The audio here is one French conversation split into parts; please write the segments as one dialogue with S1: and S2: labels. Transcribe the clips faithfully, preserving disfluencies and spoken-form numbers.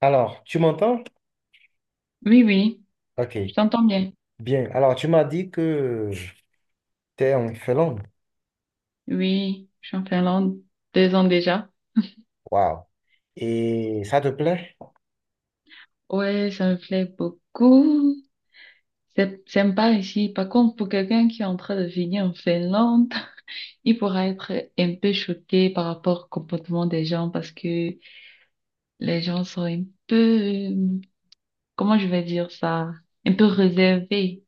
S1: Alors, tu m'entends?
S2: Oui, oui,
S1: Ok,
S2: je t'entends bien.
S1: bien. Alors, tu m'as dit que tu es en Finlande.
S2: Oui, je suis en Finlande deux ans déjà.
S1: Waouh. Et ça te plaît?
S2: Ouais, ça me plaît beaucoup. C'est sympa ici. Par contre, pour quelqu'un qui est en train de venir en Finlande, il pourra être un peu choqué par rapport au comportement des gens parce que les gens sont un peu, euh, comment je vais dire ça, un peu réservés.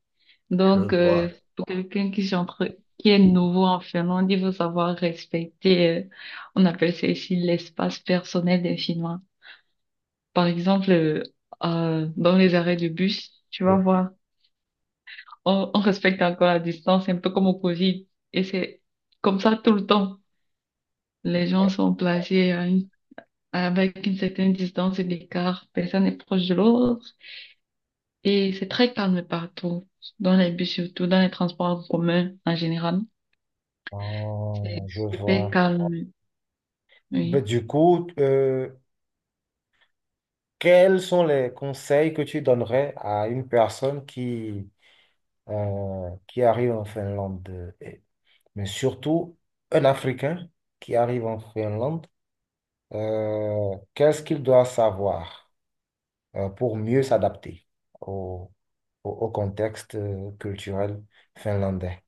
S1: Je
S2: Donc, euh,
S1: vois.
S2: pour quelqu'un qui, est en qui est nouveau en Finlande, il faut savoir respecter, euh, on appelle ça ici l'espace personnel des Finnois. Par exemple, euh, euh, dans les arrêts de bus, tu vas
S1: Oui.
S2: voir, on, on respecte encore la distance, un peu comme au Covid. Et c'est comme ça tout le temps. Les gens sont placés à une- avec une certaine distance et d'écart. Personne n'est proche de l'autre. Et c'est très calme partout, dans les bus surtout, dans les transports en commun en général. C'est
S1: Oh, je
S2: super
S1: vois.
S2: calme,
S1: Ben,
S2: oui.
S1: du coup, euh, Quels sont les conseils que tu donnerais à une personne qui, euh, qui arrive en Finlande, et mais surtout un Africain qui arrive en Finlande, euh, qu'est-ce qu'il doit savoir, euh, pour mieux s'adapter au, au contexte euh, culturel finlandais.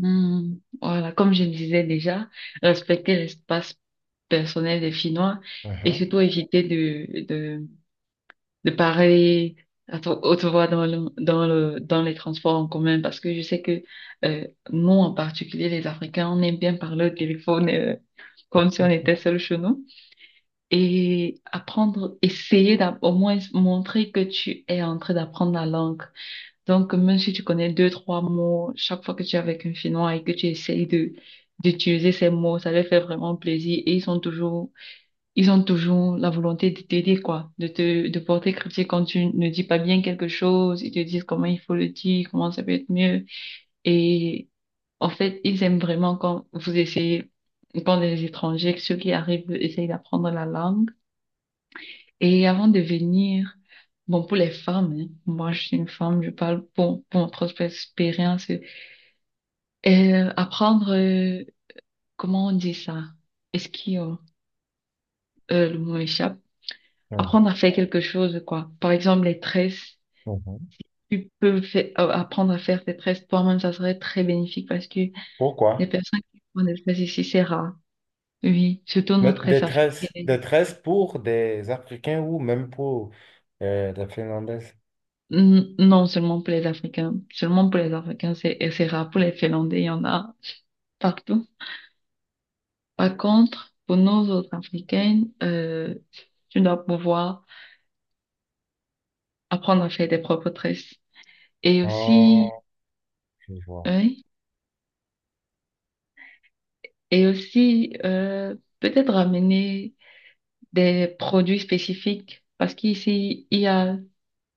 S2: Hmm, voilà, comme je disais déjà, respecter l'espace personnel des Finnois et
S1: Mhm.
S2: surtout éviter de, de parler à to- haute voix dans le, dans le, dans les transports en commun, parce que je sais que euh, nous, en particulier les Africains, on aime bien parler au téléphone euh, comme si on était seul chez nous, et apprendre, essayer d'app- au moins montrer que tu es en train d'apprendre la langue. Donc, même si tu connais deux, trois mots, chaque fois que tu es avec un Finnois et que tu essayes de d'utiliser ces mots, ça leur fait vraiment plaisir et ils sont toujours ils ont toujours la volonté de t'aider, quoi, de te, de porter critique quand tu ne dis pas bien quelque chose. Ils te disent comment il faut le dire, comment ça peut être mieux. Et en fait, ils aiment vraiment quand vous essayez, quand les étrangers, ceux qui arrivent, essayent d'apprendre la langue. Et avant de venir, bon, pour les femmes, hein, moi, je suis une femme, je parle pour, pour ma propre expérience. euh, apprendre, euh, comment on dit ça? Est-ce qu'il y a- euh, Le mot échappe.
S1: Mhm.
S2: Apprendre à faire quelque chose, quoi. Par exemple, les tresses.
S1: Mhm.
S2: Tu peux fai- euh, apprendre à faire tes tresses toi-même, ça serait très bénéfique parce que les
S1: Pourquoi?
S2: personnes qui font des tresses ici, c'est rare. Oui, surtout nos
S1: Mais
S2: tresses
S1: détresse,
S2: africaines.
S1: détresse pour des Africains ou même pour euh, des Finlandaises.
S2: N- Non, seulement pour les Africains. Seulement pour les Africains, c'est et c'est rare. Pour les Finlandais, il y en a partout. Par contre, pour nos autres Africaines, euh, tu dois pouvoir apprendre à faire tes propres tresses. Et aussi,
S1: Oh, je vois.
S2: oui, et aussi, euh, peut-être ramener des produits spécifiques parce qu'ici, il y a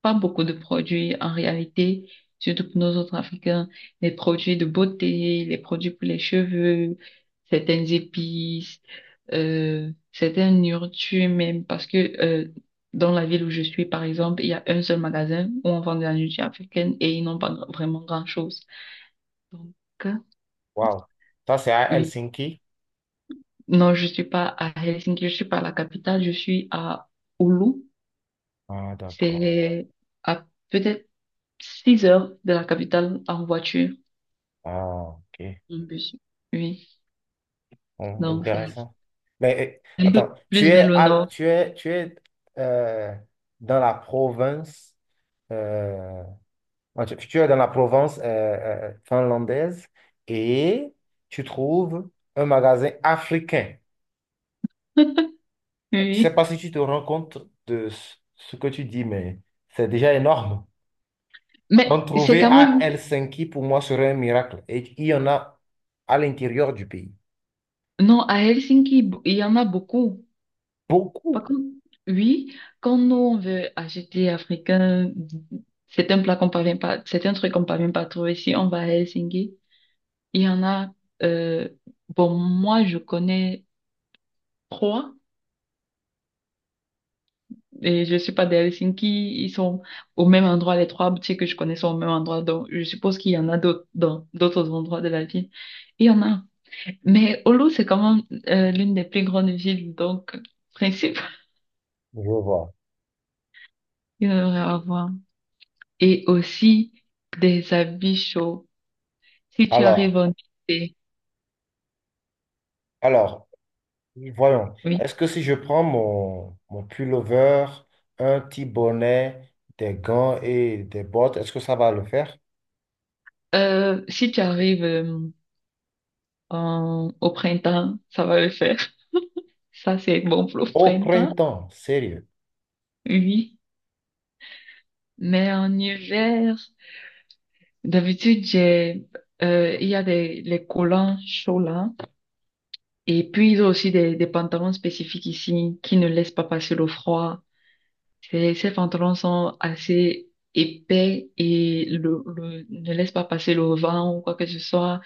S2: pas beaucoup de produits en réalité, surtout pour nos autres Africains. Les produits de beauté, les produits pour les cheveux, certaines épices, euh, certaines nourritures même, parce que euh, dans la ville où je suis, par exemple, il y a un seul magasin où on vend de la nourriture africaine et ils n'ont pas vraiment grand-chose. Donc, euh,
S1: Waouh. Ça, c'est à
S2: oui.
S1: Helsinki?
S2: Non, je suis pas à Helsinki, je suis pas à la capitale, je suis à Oulu.
S1: Ah, d'accord.
S2: C'est à peut-être six heures de la capitale en voiture,
S1: Ah, ok.
S2: en bus. Oui,
S1: Bon,
S2: donc c'est
S1: intéressant. Mais euh,
S2: un
S1: attends,
S2: peu
S1: tu
S2: plus vers
S1: es,
S2: le
S1: à-
S2: nord.
S1: tu es, tu es euh, dans la province euh, Ah, tu, tu es dans la Provence euh, euh, finlandaise et tu trouves un magasin africain. Je sais
S2: Oui,
S1: pas si tu te rends compte de ce ce que tu dis, mais c'est déjà énorme. En
S2: mais c'est
S1: trouver
S2: quand
S1: à
S2: même...
S1: Helsinki, pour moi, serait un miracle. Et il y en a à l'intérieur du pays.
S2: Non, à Helsinki, b- il y en a beaucoup.
S1: Beaucoup,
S2: Par contre, oui, quand nous, on veut acheter africain, c'est un plat qu'on parvient pas, c'est un truc qu'on parvient pas à trouver. Si on va à Helsinki, il y en a... euh, bon, moi, je connais trois. Et je suis pas d'Helsinki, ils sont au même endroit, les trois boutiques que je connais sont au même endroit, donc je suppose qu'il y en a d'autres dans d'autres endroits de la ville. Il y en a. Mais Oulu, c'est quand même euh, l'une des plus grandes villes, donc principe,
S1: je vois.
S2: il devrait avoir. Et aussi des habits chauds. Si tu arrives
S1: Alors,
S2: en été,
S1: alors, voyons.
S2: oui.
S1: Est-ce que si je prends mon, mon pullover, un petit bonnet, des gants et des bottes, est-ce que ça va le faire?
S2: Euh, si tu arrives euh, en- au printemps, ça va le faire. Ça, c'est bon pour le
S1: Au
S2: printemps,
S1: printemps, sérieux.
S2: oui. Mais en hiver. D'habitude, j'ai, euh, il y a des les collants chauds là. Et puis, ils ont aussi des, des pantalons spécifiques ici qui ne laissent pas passer le froid. Ces, ces pantalons sont assez épais et le, le- ne laissent pas passer le vent ou quoi que ce soit.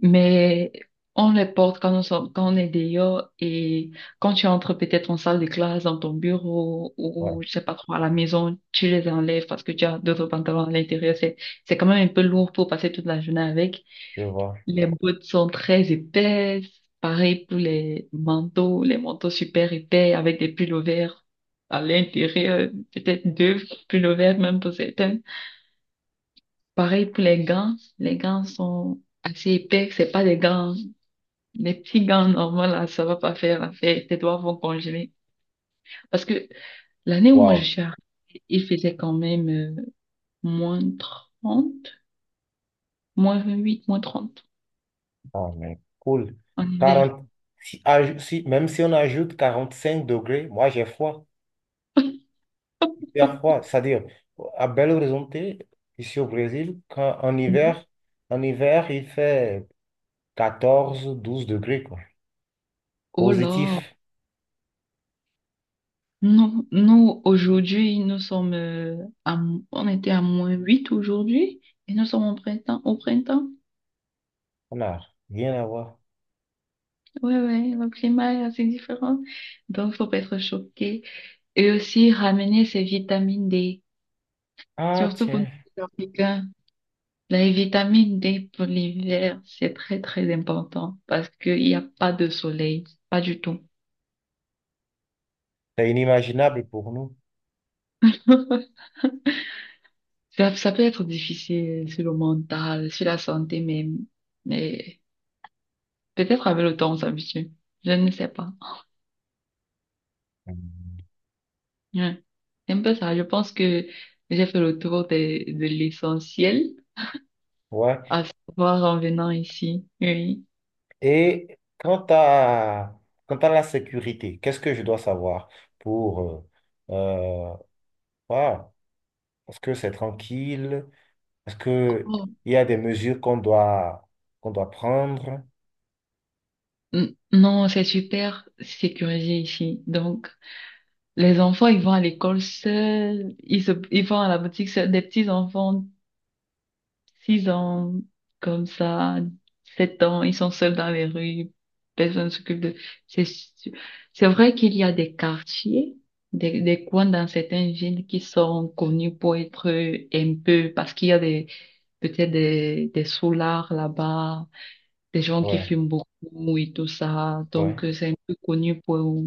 S2: Mais on les porte quand on sort, quand on est dehors, et quand tu entres peut-être en salle de classe, dans ton bureau
S1: Ouais,
S2: ou je sais pas trop à la maison, tu les enlèves parce que tu as d'autres pantalons à l'intérieur. C'est, c'est quand même un peu lourd pour passer toute la journée avec.
S1: je vois.
S2: Les bottes sont très épaisses. Pareil pour les manteaux, les manteaux super épais avec des pullovers à l'intérieur, peut-être deux pullovers même pour certaines. Pareil pour les gants. Les gants sont assez épais. C'est pas des gants, les petits gants normaux là, ça va pas faire l'affaire. Tes doigts vont congeler. Parce que l'année où moi
S1: Waouh.
S2: je suis arrivée, il faisait quand même euh, moins trente, moins vingt-huit, moins trente
S1: Ah, mais cool.
S2: en hiver.
S1: Quarante, si, aj- si- même si on ajoute quarante-cinq degrés, moi j'ai froid, hyper froid. C'est-à-dire, à Belo Horizonte, ici au Brésil, quand, en hiver, en hiver, il fait quatorze douze degrés, quoi.
S2: Oh
S1: Positif.
S2: là, non, nous, aujourd'hui, nous sommes, euh, à m- on était à moins huit aujourd'hui, et nous sommes au printemps, au printemps.
S1: On n'a rien à voir.
S2: Ouais, ouais, le climat est assez différent. Donc, faut pas être choqué. Et aussi, ramener ses vitamines dé.
S1: Ah,
S2: Surtout pour les
S1: tiens.
S2: Africains. La vitamine dé pour l'hiver, c'est très, très important parce qu'il n'y a pas de soleil. Pas du tout.
S1: C'est inimaginable pour nous.
S2: Ça, ça peut être difficile sur le mental, sur la santé même. Mais peut-être avec le temps, on s'habitue. Je ne sais pas.
S1: Mm.
S2: Ouais. C'est un peu ça. Je pense que j'ai fait le tour de, de l'essentiel,
S1: Ouais.
S2: à savoir en venant ici. Oui.
S1: Et quant à, quant à la sécurité, qu'est-ce que je dois savoir pour... euh, euh, voilà. Est-ce que c'est tranquille? Est-ce que
S2: Oh,
S1: il y a des mesures qu'on doit, qu'on doit prendre?
S2: n- non, c'est super sécurisé ici. Donc, les enfants, ils vont à l'école seuls, ils se, ils vont à la boutique seuls. Des petits enfants, six ans, comme ça, sept ans, ils sont seuls dans les rues, personne ne s'occupe de... C'est, su- c'est vrai qu'il y a des quartiers, des, des coins dans certaines villes qui sont connus pour être un peu, parce qu'il y a des, peut-être des, des soulards là-bas, des gens qui
S1: Ouais,
S2: fument beaucoup et tout ça,
S1: ouais.
S2: donc euh, c'est un peu connu pour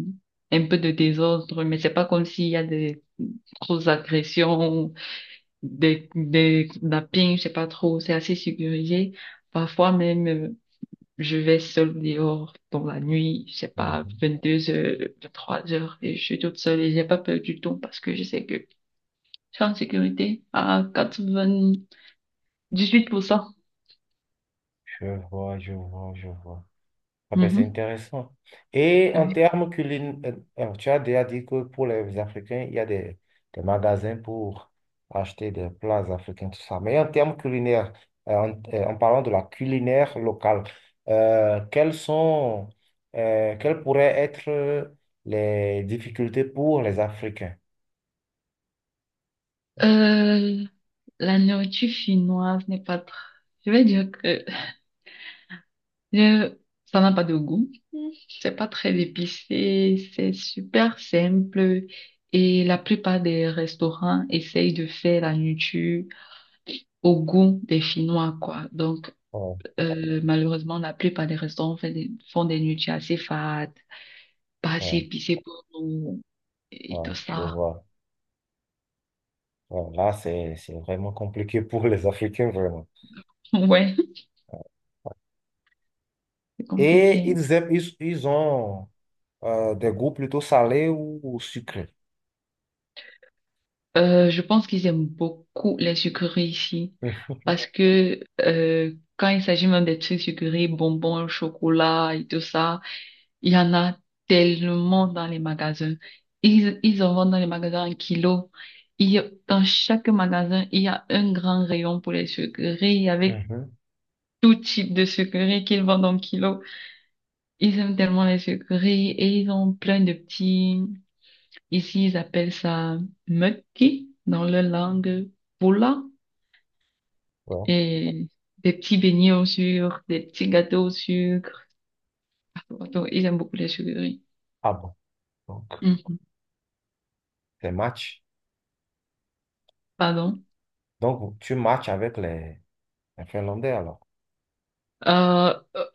S2: un peu de désordre, mais c'est pas comme s'il y a des grosses agressions, des, des nappings, je sais pas trop, c'est assez sécurisé. Parfois même, euh, je vais seule dehors dans la nuit, je sais pas,
S1: Mhm.
S2: vingt-deux heures, vingt-trois heures, et je suis toute seule et j'ai pas peur du tout parce que je sais que je suis en sécurité à quatre-vingt-dix-huit pour cent.
S1: Je vois, je vois, je vois. Ah ben, c'est
S2: Mhm,
S1: intéressant. Et en
S2: oui.
S1: termes culinaires, tu as déjà dit que pour les Africains, il y a des, des magasins pour acheter des plats africains, tout ça. Mais en termes culinaires, euh, en, euh, en parlant de la culinaire locale, euh, quelles sont, euh, quelles pourraient être les difficultés pour les Africains?
S2: Euh, la nourriture chinoise n'est pas tr-. Je vais dire que Je- ça n'a pas de goût. C'est pas très épicé. C'est super simple. Et la plupart des restaurants essayent de faire la nourriture au goût des Finnois, quoi. Donc,
S1: Ouais,
S2: euh, malheureusement, la plupart des restaurants font des, font des nourritures assez fades, pas assez
S1: ouais,
S2: épicées pour nous. Et
S1: ouais,
S2: tout
S1: je
S2: ça.
S1: vois. Ouais, là, c'est, c'est vraiment compliqué pour les Africains, vraiment.
S2: Ouais, c'est
S1: Et
S2: compliqué.
S1: ils aiment, ils, ils ont. Euh, des goûts plutôt salés ou, ou sucrés.
S2: Euh, je pense qu'ils aiment beaucoup les sucreries ici
S1: Hum,
S2: parce que euh, quand il s'agit même des trucs sucrés, bonbons, chocolat et tout ça, il y en a tellement dans les magasins. Ils, ils en vendent dans les magasins en kilo. Il y a- dans chaque magasin, il y a un grand rayon pour les sucreries avec
S1: mhm.
S2: tout type de sucreries qu'ils vendent en kilo. Ils aiment tellement les sucreries et ils ont plein de petits... Ici, ils appellent ça mukki dans leur langue. Poula.
S1: Bon.
S2: Et des petits beignets au sucre, des petits gâteaux au sucre. Pardon, ils aiment beaucoup les sucreries.
S1: Ah bon. Donc,
S2: Mm.
S1: c'est match.
S2: Pardon.
S1: Donc, tu matches avec les, les Finlandais alors.
S2: Euh, euh,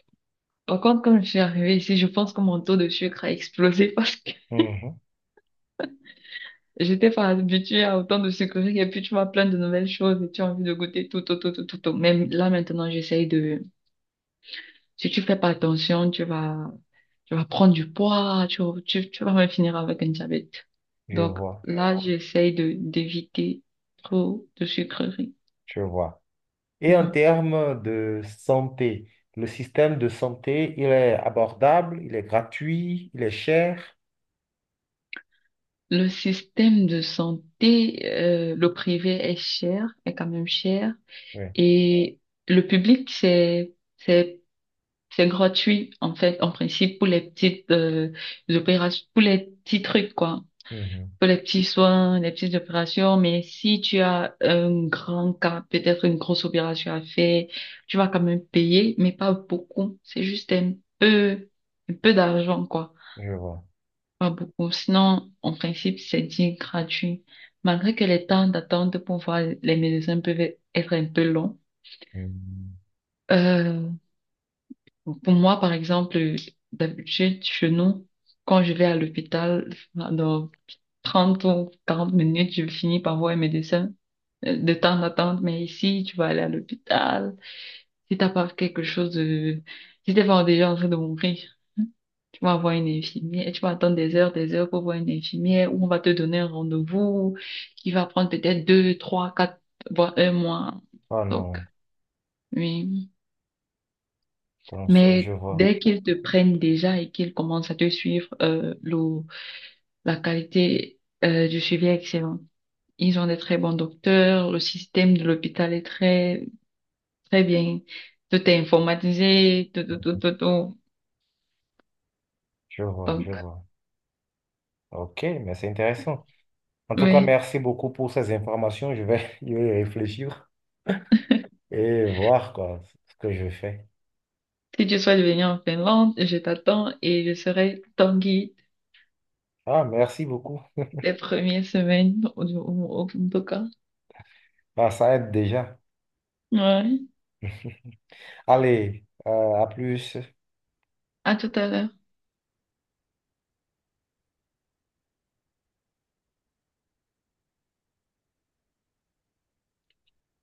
S2: par contre, quand je suis arrivée ici, je pense que mon taux de sucre a explosé parce que
S1: Mhm.
S2: j'étais pas habituée à autant de sucreries et puis tu vois plein de nouvelles choses et tu as envie de goûter tout, tout, tout, tout, tout, tout. Même là, maintenant, j'essaye de, si tu fais pas attention, tu vas, tu vas prendre du poids, tu, tu, tu vas même finir avec un diabète.
S1: Je
S2: Donc
S1: vois,
S2: là, j'essaye de, d'éviter trop de sucreries.
S1: je vois. Et en
S2: Mhm.
S1: termes de santé, le système de santé, il est abordable, il est gratuit, il est cher.
S2: Le système de santé, euh, le privé est cher, est quand même cher,
S1: Oui.
S2: et le public, c'est, c'est, c'est gratuit, en fait, en principe, pour les petites, euh, opérations, pour les petits trucs, quoi,
S1: Mhm.
S2: pour les petits soins, les petites opérations. Mais si tu as un grand cas, peut-être une grosse opération à faire, tu vas quand même payer, mais pas beaucoup, c'est juste un peu, un peu d'argent, quoi.
S1: Je vois.
S2: Pas beaucoup. Sinon, en principe, c'est dit gratuit. Malgré que les temps d'attente pour voir les médecins peuvent être un peu longs.
S1: Mhm.
S2: Euh, pour moi, par exemple, d'habitude, chez nous, quand je vais à l'hôpital, dans trente ou quarante minutes, je finis par voir un médecin euh, de temps d'attente. Mais ici, tu vas aller à l'hôpital. Si t'as pas quelque chose de... Si t'es pas déjà en train de mourir, tu vas voir une infirmière et tu vas attendre des heures, des heures pour voir une infirmière où on va te donner un rendez-vous qui va prendre peut-être deux, trois, quatre, voire un mois.
S1: Oh
S2: Donc,
S1: non,
S2: oui.
S1: comment ça je
S2: Mais
S1: vois,
S2: dès qu'ils te prennent déjà et qu'ils commencent à te suivre, euh, le- la qualité, euh, du suivi est excellente. Ils ont des très bons docteurs, le système de l'hôpital est très, très bien. Tout est informatisé, tout, tout, tout, tout, tout.
S1: je vois, je
S2: Donc,
S1: vois. Ok, mais c'est intéressant. En tout cas,
S2: oui.
S1: merci beaucoup pour ces informations. Je vais y réfléchir et voir quoi, ce que je fais.
S2: Si tu souhaites venir en Finlande, je t'attends et je serai ton guide
S1: Ah, merci beaucoup.
S2: des premières semaines, au, au- au- en tout cas.
S1: Ah, ça aide déjà.
S2: Ouais.
S1: Allez, euh, à plus.
S2: À tout à l'heure.